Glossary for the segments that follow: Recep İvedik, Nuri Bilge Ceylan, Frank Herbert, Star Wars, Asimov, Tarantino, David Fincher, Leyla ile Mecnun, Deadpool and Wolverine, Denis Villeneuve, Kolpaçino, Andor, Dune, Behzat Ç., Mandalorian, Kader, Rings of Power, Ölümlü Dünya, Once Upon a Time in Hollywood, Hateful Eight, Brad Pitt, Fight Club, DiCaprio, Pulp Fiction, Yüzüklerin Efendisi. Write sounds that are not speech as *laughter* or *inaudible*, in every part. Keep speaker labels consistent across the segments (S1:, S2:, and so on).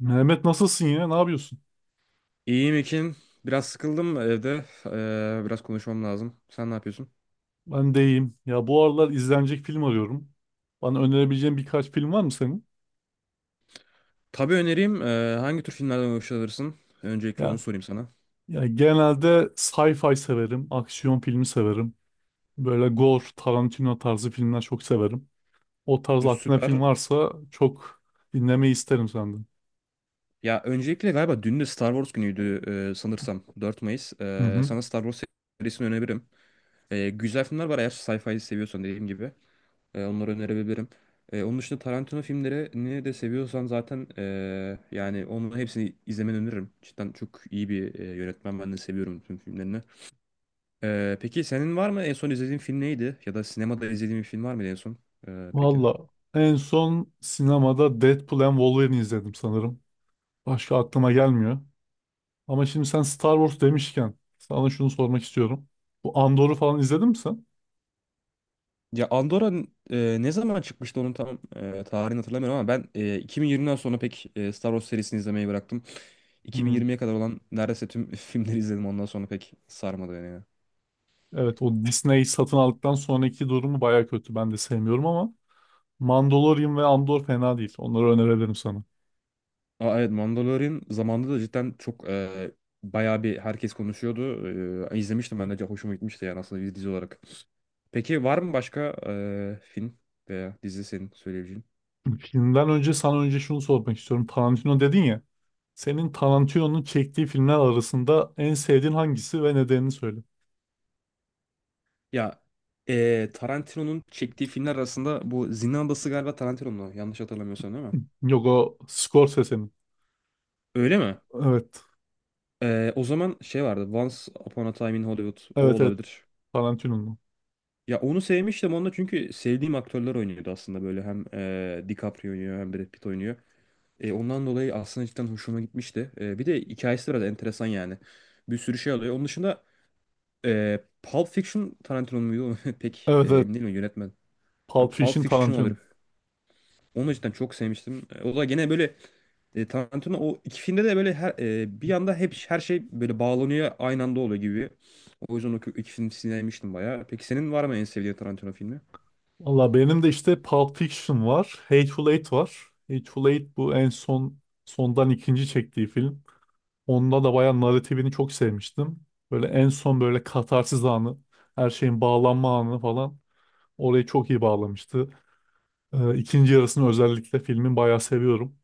S1: Mehmet, nasılsın ya? Ne yapıyorsun?
S2: İyiyim Ekin. Biraz sıkıldım evde. Biraz konuşmam lazım. Sen ne yapıyorsun?
S1: Ben de iyiyim. Ya bu aralar izlenecek film arıyorum. Bana önerebileceğin birkaç film var mı senin?
S2: Tabii önereyim. Hangi tür filmlerden hoşlanırsın? Öncelikle onu
S1: Ya,
S2: sorayım sana.
S1: ya, genelde sci-fi severim, aksiyon filmi severim. Böyle gore, Tarantino tarzı filmler çok severim. O tarz aklına film
S2: Süper.
S1: varsa çok dinlemeyi isterim senden.
S2: Ya öncelikle galiba dün de Star Wars günüydü, sanırsam. 4 Mayıs.
S1: Hı
S2: Ee,
S1: hı.
S2: sana Star Wars serisini önerebilirim. Güzel filmler var, eğer sci-fi seviyorsan, dediğim gibi. Onları önerebilirim. Onun dışında Tarantino filmlerini de seviyorsan zaten yani onun hepsini izlemeni öneririm. Cidden çok iyi bir yönetmen. Ben de seviyorum tüm filmlerini. Peki senin var mı en son izlediğin film neydi? Ya da sinemada izlediğin bir film var mıydı en son? Peki.
S1: Valla, en son sinemada Deadpool and Wolverine izledim sanırım. Başka aklıma gelmiyor. Ama şimdi sen Star Wars demişken sana şunu sormak istiyorum. Bu Andor'u falan izledin mi sen?
S2: Ya Andorra ne zaman çıkmıştı, onun tam tarihini hatırlamıyorum ama ben 2020'den sonra pek Star Wars serisini izlemeyi bıraktım.
S1: Hmm.
S2: 2020'ye kadar olan neredeyse tüm *laughs* filmleri izledim, ondan sonra pek sarmadı beni ya.
S1: Evet, o Disney satın aldıktan sonraki durumu baya kötü. Ben de sevmiyorum ama Mandalorian ve Andor fena değil. Onları önerebilirim sana.
S2: Aa, evet, Mandalorian zamanında da cidden çok bayağı bir herkes konuşuyordu. E, izlemiştim ben de, hoşuma gitmişti yani, aslında bir dizi olarak. Peki var mı başka film veya dizi senin söyleyebileceğin?
S1: Filmden önce sana önce şunu sormak istiyorum. Tarantino dedin ya. Senin Tarantino'nun çektiği filmler arasında en sevdiğin hangisi ve nedenini söyle.
S2: Ya Tarantino'nun çektiği filmler arasında bu Zindan Adası galiba Tarantino'nun o, yanlış hatırlamıyorsam, değil mi?
S1: Yok, o Scorsese'nin.
S2: Öyle mi?
S1: Evet.
S2: O zaman şey vardı, Once Upon a Time in Hollywood, o
S1: Evet evet.
S2: olabilir.
S1: Tarantino'nun.
S2: Ya onu sevmiştim, onda çünkü sevdiğim aktörler oynuyordu aslında, böyle hem DiCaprio oynuyor hem Brad Pitt oynuyor. Ondan dolayı aslında cidden hoşuma gitmişti. Bir de hikayesi biraz enteresan yani. Bir sürü şey alıyor. Onun dışında Pulp Fiction Tarantino muydu? *laughs* Pek
S1: Evet evet.
S2: emin değilim yönetmen. Ha,
S1: Pulp
S2: Pulp
S1: Fiction
S2: Fiction olabilir.
S1: Tarantino'nun.
S2: Onu da cidden çok sevmiştim. O da gene böyle. Tarantino o iki filmde de böyle, her bir yanda hep her şey böyle bağlanıyor, aynı anda oluyor gibi. O yüzden iki film sinirlenmiştim bayağı. Peki senin var mı en sevdiğin Tarantino filmi?
S1: Valla, benim de işte Pulp Fiction var. Hateful Eight var. Hateful Eight bu en son sondan ikinci çektiği film. Onda da bayağı narratifini çok sevmiştim. Böyle en son böyle katarsis anı, her şeyin bağlanma anı falan orayı çok iyi bağlamıştı. İkinci yarısını özellikle filmin bayağı seviyorum.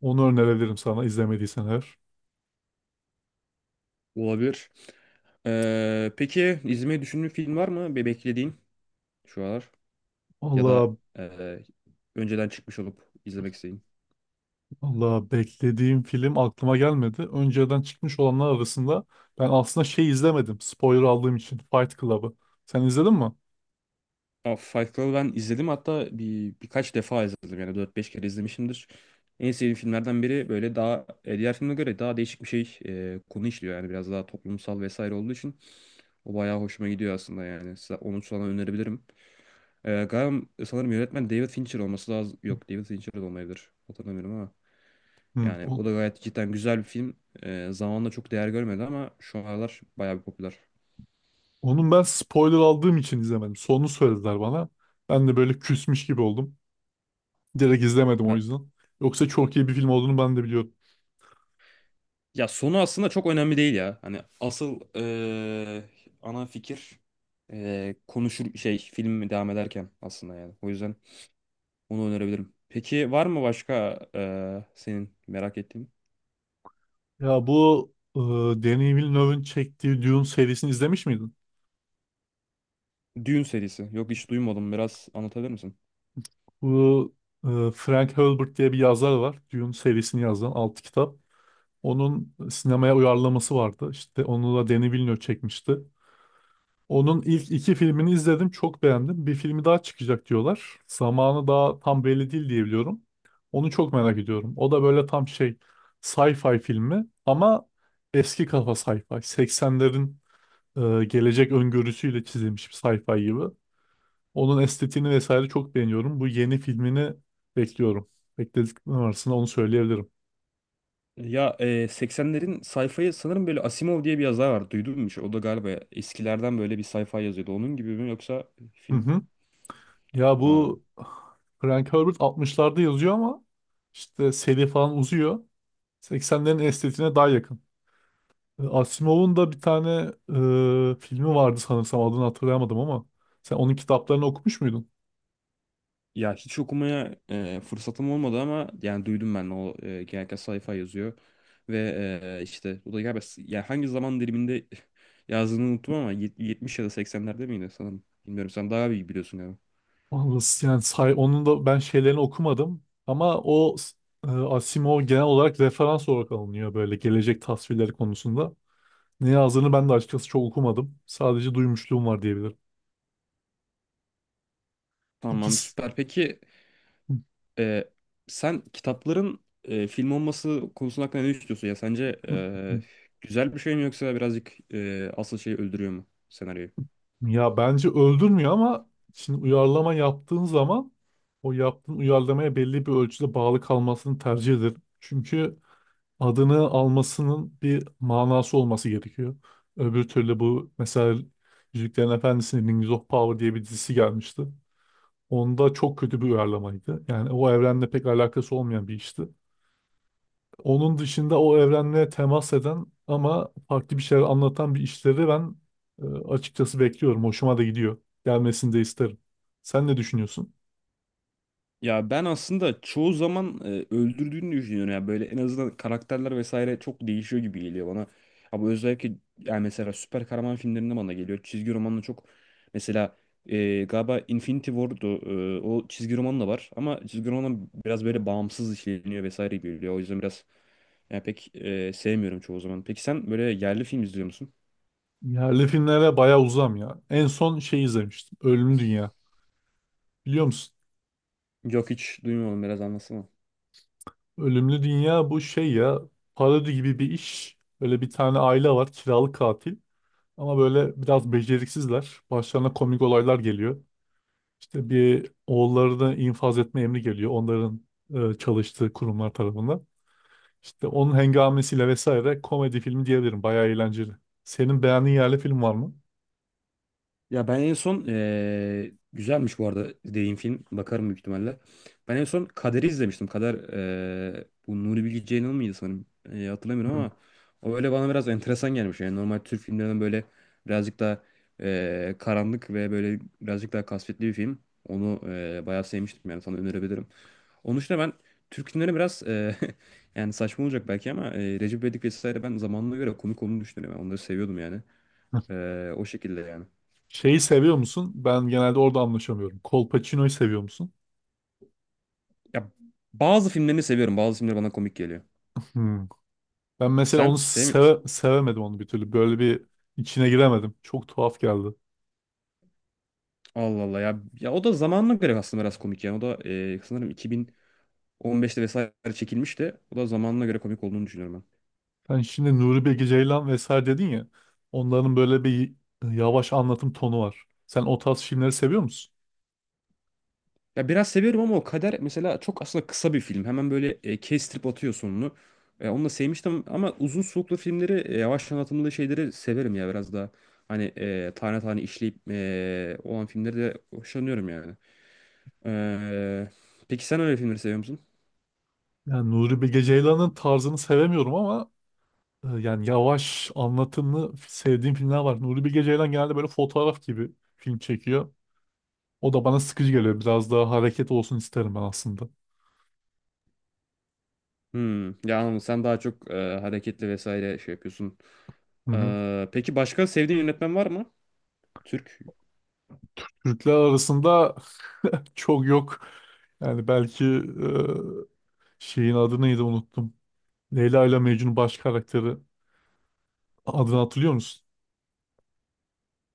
S1: Onu önerebilirim sana izlemediysen eğer.
S2: Olabilir. Peki izlemeyi düşündüğün film var mı? Beklediğin şu aralar, ya da
S1: Allah
S2: e, önceden çıkmış olup izlemek istediğin.
S1: Allah, beklediğim film aklıma gelmedi. Önceden çıkmış olanlar arasında ben aslında şey izlemedim. Spoiler aldığım için Fight Club'ı. Sen izledin mi?
S2: Aa, Fight Club'ı ben izledim, hatta birkaç defa izledim, yani dört beş kere izlemişimdir. En sevdiğim filmlerden biri, böyle daha diğer filme göre daha değişik bir şey konu işliyor yani, biraz daha toplumsal vesaire olduğu için. O bayağı hoşuma gidiyor aslında yani. Onu sana önerebilirim. Galiba sanırım yönetmen David Fincher olması lazım. Yok, David Fincher de olmayabilir. Hatırlamıyorum ama.
S1: Hı,
S2: Yani o da gayet cidden güzel bir film. Zamanla çok değer görmedi ama şu aralar bayağı bir popüler.
S1: onun ben spoiler aldığım için izlemedim. Sonunu söylediler bana. Ben de böyle küsmüş gibi oldum. Direkt izlemedim o
S2: Ha,
S1: yüzden. Yoksa çok iyi bir film olduğunu ben de biliyorum.
S2: ya sonu aslında çok önemli değil ya. Hani asıl ana fikir konuşur şey, film devam ederken aslında yani. O yüzden onu önerebilirim. Peki var mı başka senin merak ettiğin?
S1: Ya bu Denis Villeneuve'ın çektiği Dune serisini izlemiş miydin?
S2: Dune serisi. Yok, hiç duymadım. Biraz anlatabilir misin?
S1: Bu Frank Herbert diye bir yazar var. Dune serisini yazan 6 kitap. Onun sinemaya uyarlaması vardı. İşte onu da Denis Villeneuve çekmişti. Onun ilk iki filmini izledim, çok beğendim. Bir filmi daha çıkacak diyorlar. Zamanı daha tam belli değil diye biliyorum. Onu çok merak ediyorum. O da böyle tam şey sci-fi filmi ama eski kafa sci-fi. 80'lerin gelecek öngörüsüyle çizilmiş bir sci-fi gibi. Onun estetiğini vesaire çok beğeniyorum. Bu yeni filmini bekliyorum. Beklediklerim arasında onu söyleyebilirim.
S2: Ya 80'lerin sayfayı sanırım, böyle Asimov diye bir yazar var. Duydun mu hiç? O da galiba eskilerden böyle bir sayfa yazıyordu. Onun gibi mi yoksa
S1: Hı
S2: film?
S1: hı. Ya
S2: Ha.
S1: bu Frank Herbert 60'larda yazıyor ama işte seri falan uzuyor. 80'lerin estetiğine daha yakın. Asimov'un da bir tane filmi vardı sanırsam, adını hatırlayamadım ama sen onun kitaplarını okumuş muydun?
S2: Ya hiç okumaya fırsatım olmadı ama yani duydum ben, o genellikle sayfa yazıyor. Ve işte o da galiba yani hangi zaman diliminde *laughs* yazdığını unuttum ama 70 ya da seksenlerde miydi sanırım. Bilmiyorum, sen daha iyi biliyorsun galiba.
S1: Vallahi yani say, onun da ben şeylerini okumadım ama Asimov genel olarak referans olarak alınıyor böyle gelecek tasvirleri konusunda. Ne yazdığını ben de açıkçası çok okumadım. Sadece duymuşluğum var diyebilirim.
S2: Tamam,
S1: İkisi.
S2: süper. Peki Ee, sen kitapların film olması konusunda, hakkında ne düşünüyorsun ya? Sence
S1: *laughs*
S2: güzel bir şey mi yoksa birazcık asıl şeyi öldürüyor mu senaryoyu?
S1: Ya bence öldürmüyor ama şimdi uyarlama yaptığın zaman o yaptığın uyarlamaya belli bir ölçüde bağlı kalmasını tercih ederim. Çünkü adını almasının bir manası olması gerekiyor. Öbür türlü bu mesela Yüzüklerin Efendisi'nin Rings of Power diye bir dizisi gelmişti. Onda çok kötü bir uyarlamaydı. Yani o evrenle pek alakası olmayan bir işti. Onun dışında o evrenle temas eden ama farklı bir şeyler anlatan bir işleri ben e, açıkçası bekliyorum. Hoşuma da gidiyor. Gelmesini de isterim. Sen ne düşünüyorsun?
S2: Ya ben aslında çoğu zaman öldürdüğünü düşünüyorum ya, böyle en azından karakterler vesaire çok değişiyor gibi geliyor bana. Ama özellikle yani mesela süper kahraman filmlerinde bana geliyor. Çizgi romanla çok, mesela galiba Infinity War'du o çizgi roman da var ama çizgi roman biraz böyle bağımsız işleniyor vesaire gibi geliyor. O yüzden biraz yani pek sevmiyorum çoğu zaman. Peki sen böyle yerli film izliyor musun?
S1: Yerli filmlere bayağı uzam ya. En son şey izlemiştim. Ölümlü Dünya. Biliyor musun?
S2: Yok, hiç duymadım, biraz anlatsana.
S1: Ölümlü Dünya bu şey ya, parodi gibi bir iş. Böyle bir tane aile var, kiralık katil. Ama böyle biraz beceriksizler. Başlarına komik olaylar geliyor. İşte bir oğullarını infaz etme emri geliyor. Onların çalıştığı kurumlar tarafından. İşte onun hengamesiyle vesaire komedi filmi diyebilirim. Bayağı eğlenceli. Senin beğendiğin yerli film var mı?
S2: Ya ben en son güzelmiş bu arada dediğin film. Bakarım büyük ihtimalle. Ben en son Kader'i izlemiştim. Kader, bu Nuri Bilge Ceylan mıydı sanırım? Hatırlamıyorum
S1: Hmm.
S2: ama, o öyle bana biraz enteresan gelmiş. Yani normal Türk filmlerinden böyle birazcık daha karanlık ve böyle birazcık daha kasvetli bir film. Onu bayağı sevmiştim yani, sana önerebilirim. Onun dışında ben Türk filmleri biraz *laughs* yani saçma olacak belki ama Recep İvedik vesaire, ben zamanına göre komik olduğunu düşünüyorum. Yani onları seviyordum yani. O şekilde yani.
S1: Şeyi seviyor musun? Ben genelde orada anlaşamıyorum. Kolpaçino'yu seviyor musun?
S2: Ya, bazı filmlerini seviyorum. Bazı filmleri bana komik geliyor.
S1: Hmm. Ben mesela
S2: Sen
S1: onu
S2: sevmiyorsun.
S1: sevemedim onu bir türlü. Böyle bir içine giremedim. Çok tuhaf geldi.
S2: Allah Allah ya. Ya o da zamanına göre aslında biraz komik yani. O da sanırım 2015'te vesaire çekilmişti. O da zamanına göre komik olduğunu düşünüyorum ben.
S1: Sen şimdi Nuri Bilge Ceylan vesaire dedin ya. Onların böyle bir yavaş anlatım tonu var. Sen o tarz filmleri seviyor musun?
S2: Ya biraz seviyorum ama o Kader mesela çok aslında kısa bir film. Hemen böyle kestirip atıyor sonunu. Onu da sevmiştim ama uzun soluklu filmleri, yavaş anlatımlı şeyleri severim ya biraz daha. Hani tane tane işleyip olan filmleri de hoşlanıyorum yani. E, peki sen öyle filmleri seviyor.
S1: Yani Nuri Bilge Ceylan'ın tarzını sevemiyorum ama yani yavaş anlatımlı sevdiğim filmler var. Nuri Bilge Ceylan genelde böyle fotoğraf gibi film çekiyor. O da bana sıkıcı geliyor. Biraz daha hareket olsun isterim ben aslında.
S2: Hmm, ya anladım. Sen daha çok hareketli vesaire şey yapıyorsun.
S1: Hı hı.
S2: Peki başka sevdiğin yönetmen var mı? Türk.
S1: Türkler arasında *laughs* çok yok. Yani belki şeyin adı neydi unuttum. Leyla ile Mecnun baş karakteri. Adını hatırlıyor musun?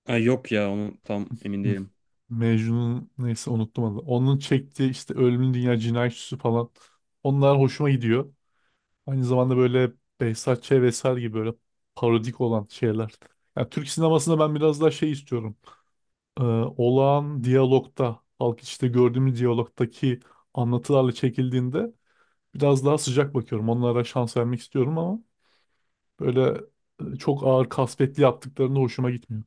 S2: Ha, yok ya, onu tam emin
S1: Hı.
S2: değilim.
S1: Mecnun'un neyse unuttum adını. Onun çektiği işte Ölümün Dünya, Cinayet Süsü falan. Onlar hoşuma gidiyor. Aynı zamanda böyle Behzat Ç. vesaire gibi böyle parodik olan şeyler. Yani Türk sinemasında ben biraz daha şey istiyorum. Ee, Olağan diyalogta, halk içinde gördüğümüz diyalogtaki anlatılarla çekildiğinde biraz daha sıcak bakıyorum. Onlara şans vermek istiyorum ama böyle çok ağır kasvetli yaptıklarında hoşuma gitmiyor.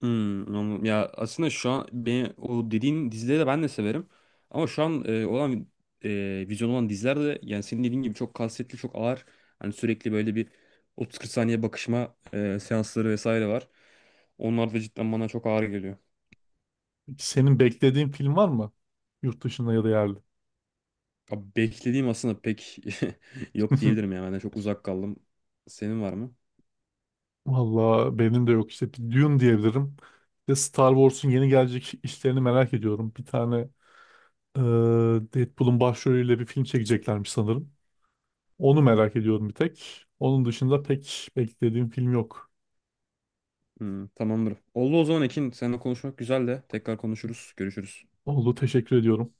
S2: Hmm, anladım. Ya aslında şu an beni, o dediğin dizileri de ben de severim. Ama şu an olan vizyon olan diziler de yani senin dediğin gibi çok kasvetli, çok ağır. Hani sürekli böyle bir 30-40 saniye bakışma seansları vesaire var. Onlar da cidden bana çok ağır geliyor.
S1: Peki senin beklediğin film var mı? Yurt dışında ya da yerli.
S2: Abi beklediğim aslında pek *laughs* yok
S1: *laughs*
S2: diyebilirim ya. Ben de çok uzak kaldım. Senin var mı?
S1: Valla benim de yok işte. Bir Dune diyebilirim. Bir de Star Wars'un yeni gelecek işlerini merak ediyorum. Bir tane Ee, Deadpool'un başrolüyle bir film çekeceklermiş sanırım. Onu merak ediyorum bir tek. Onun dışında pek beklediğim film yok.
S2: Hmm, tamamdır. Oldu o zaman Ekin. Seninle konuşmak güzel de. Tekrar konuşuruz. Görüşürüz.
S1: Oldu, teşekkür ediyorum.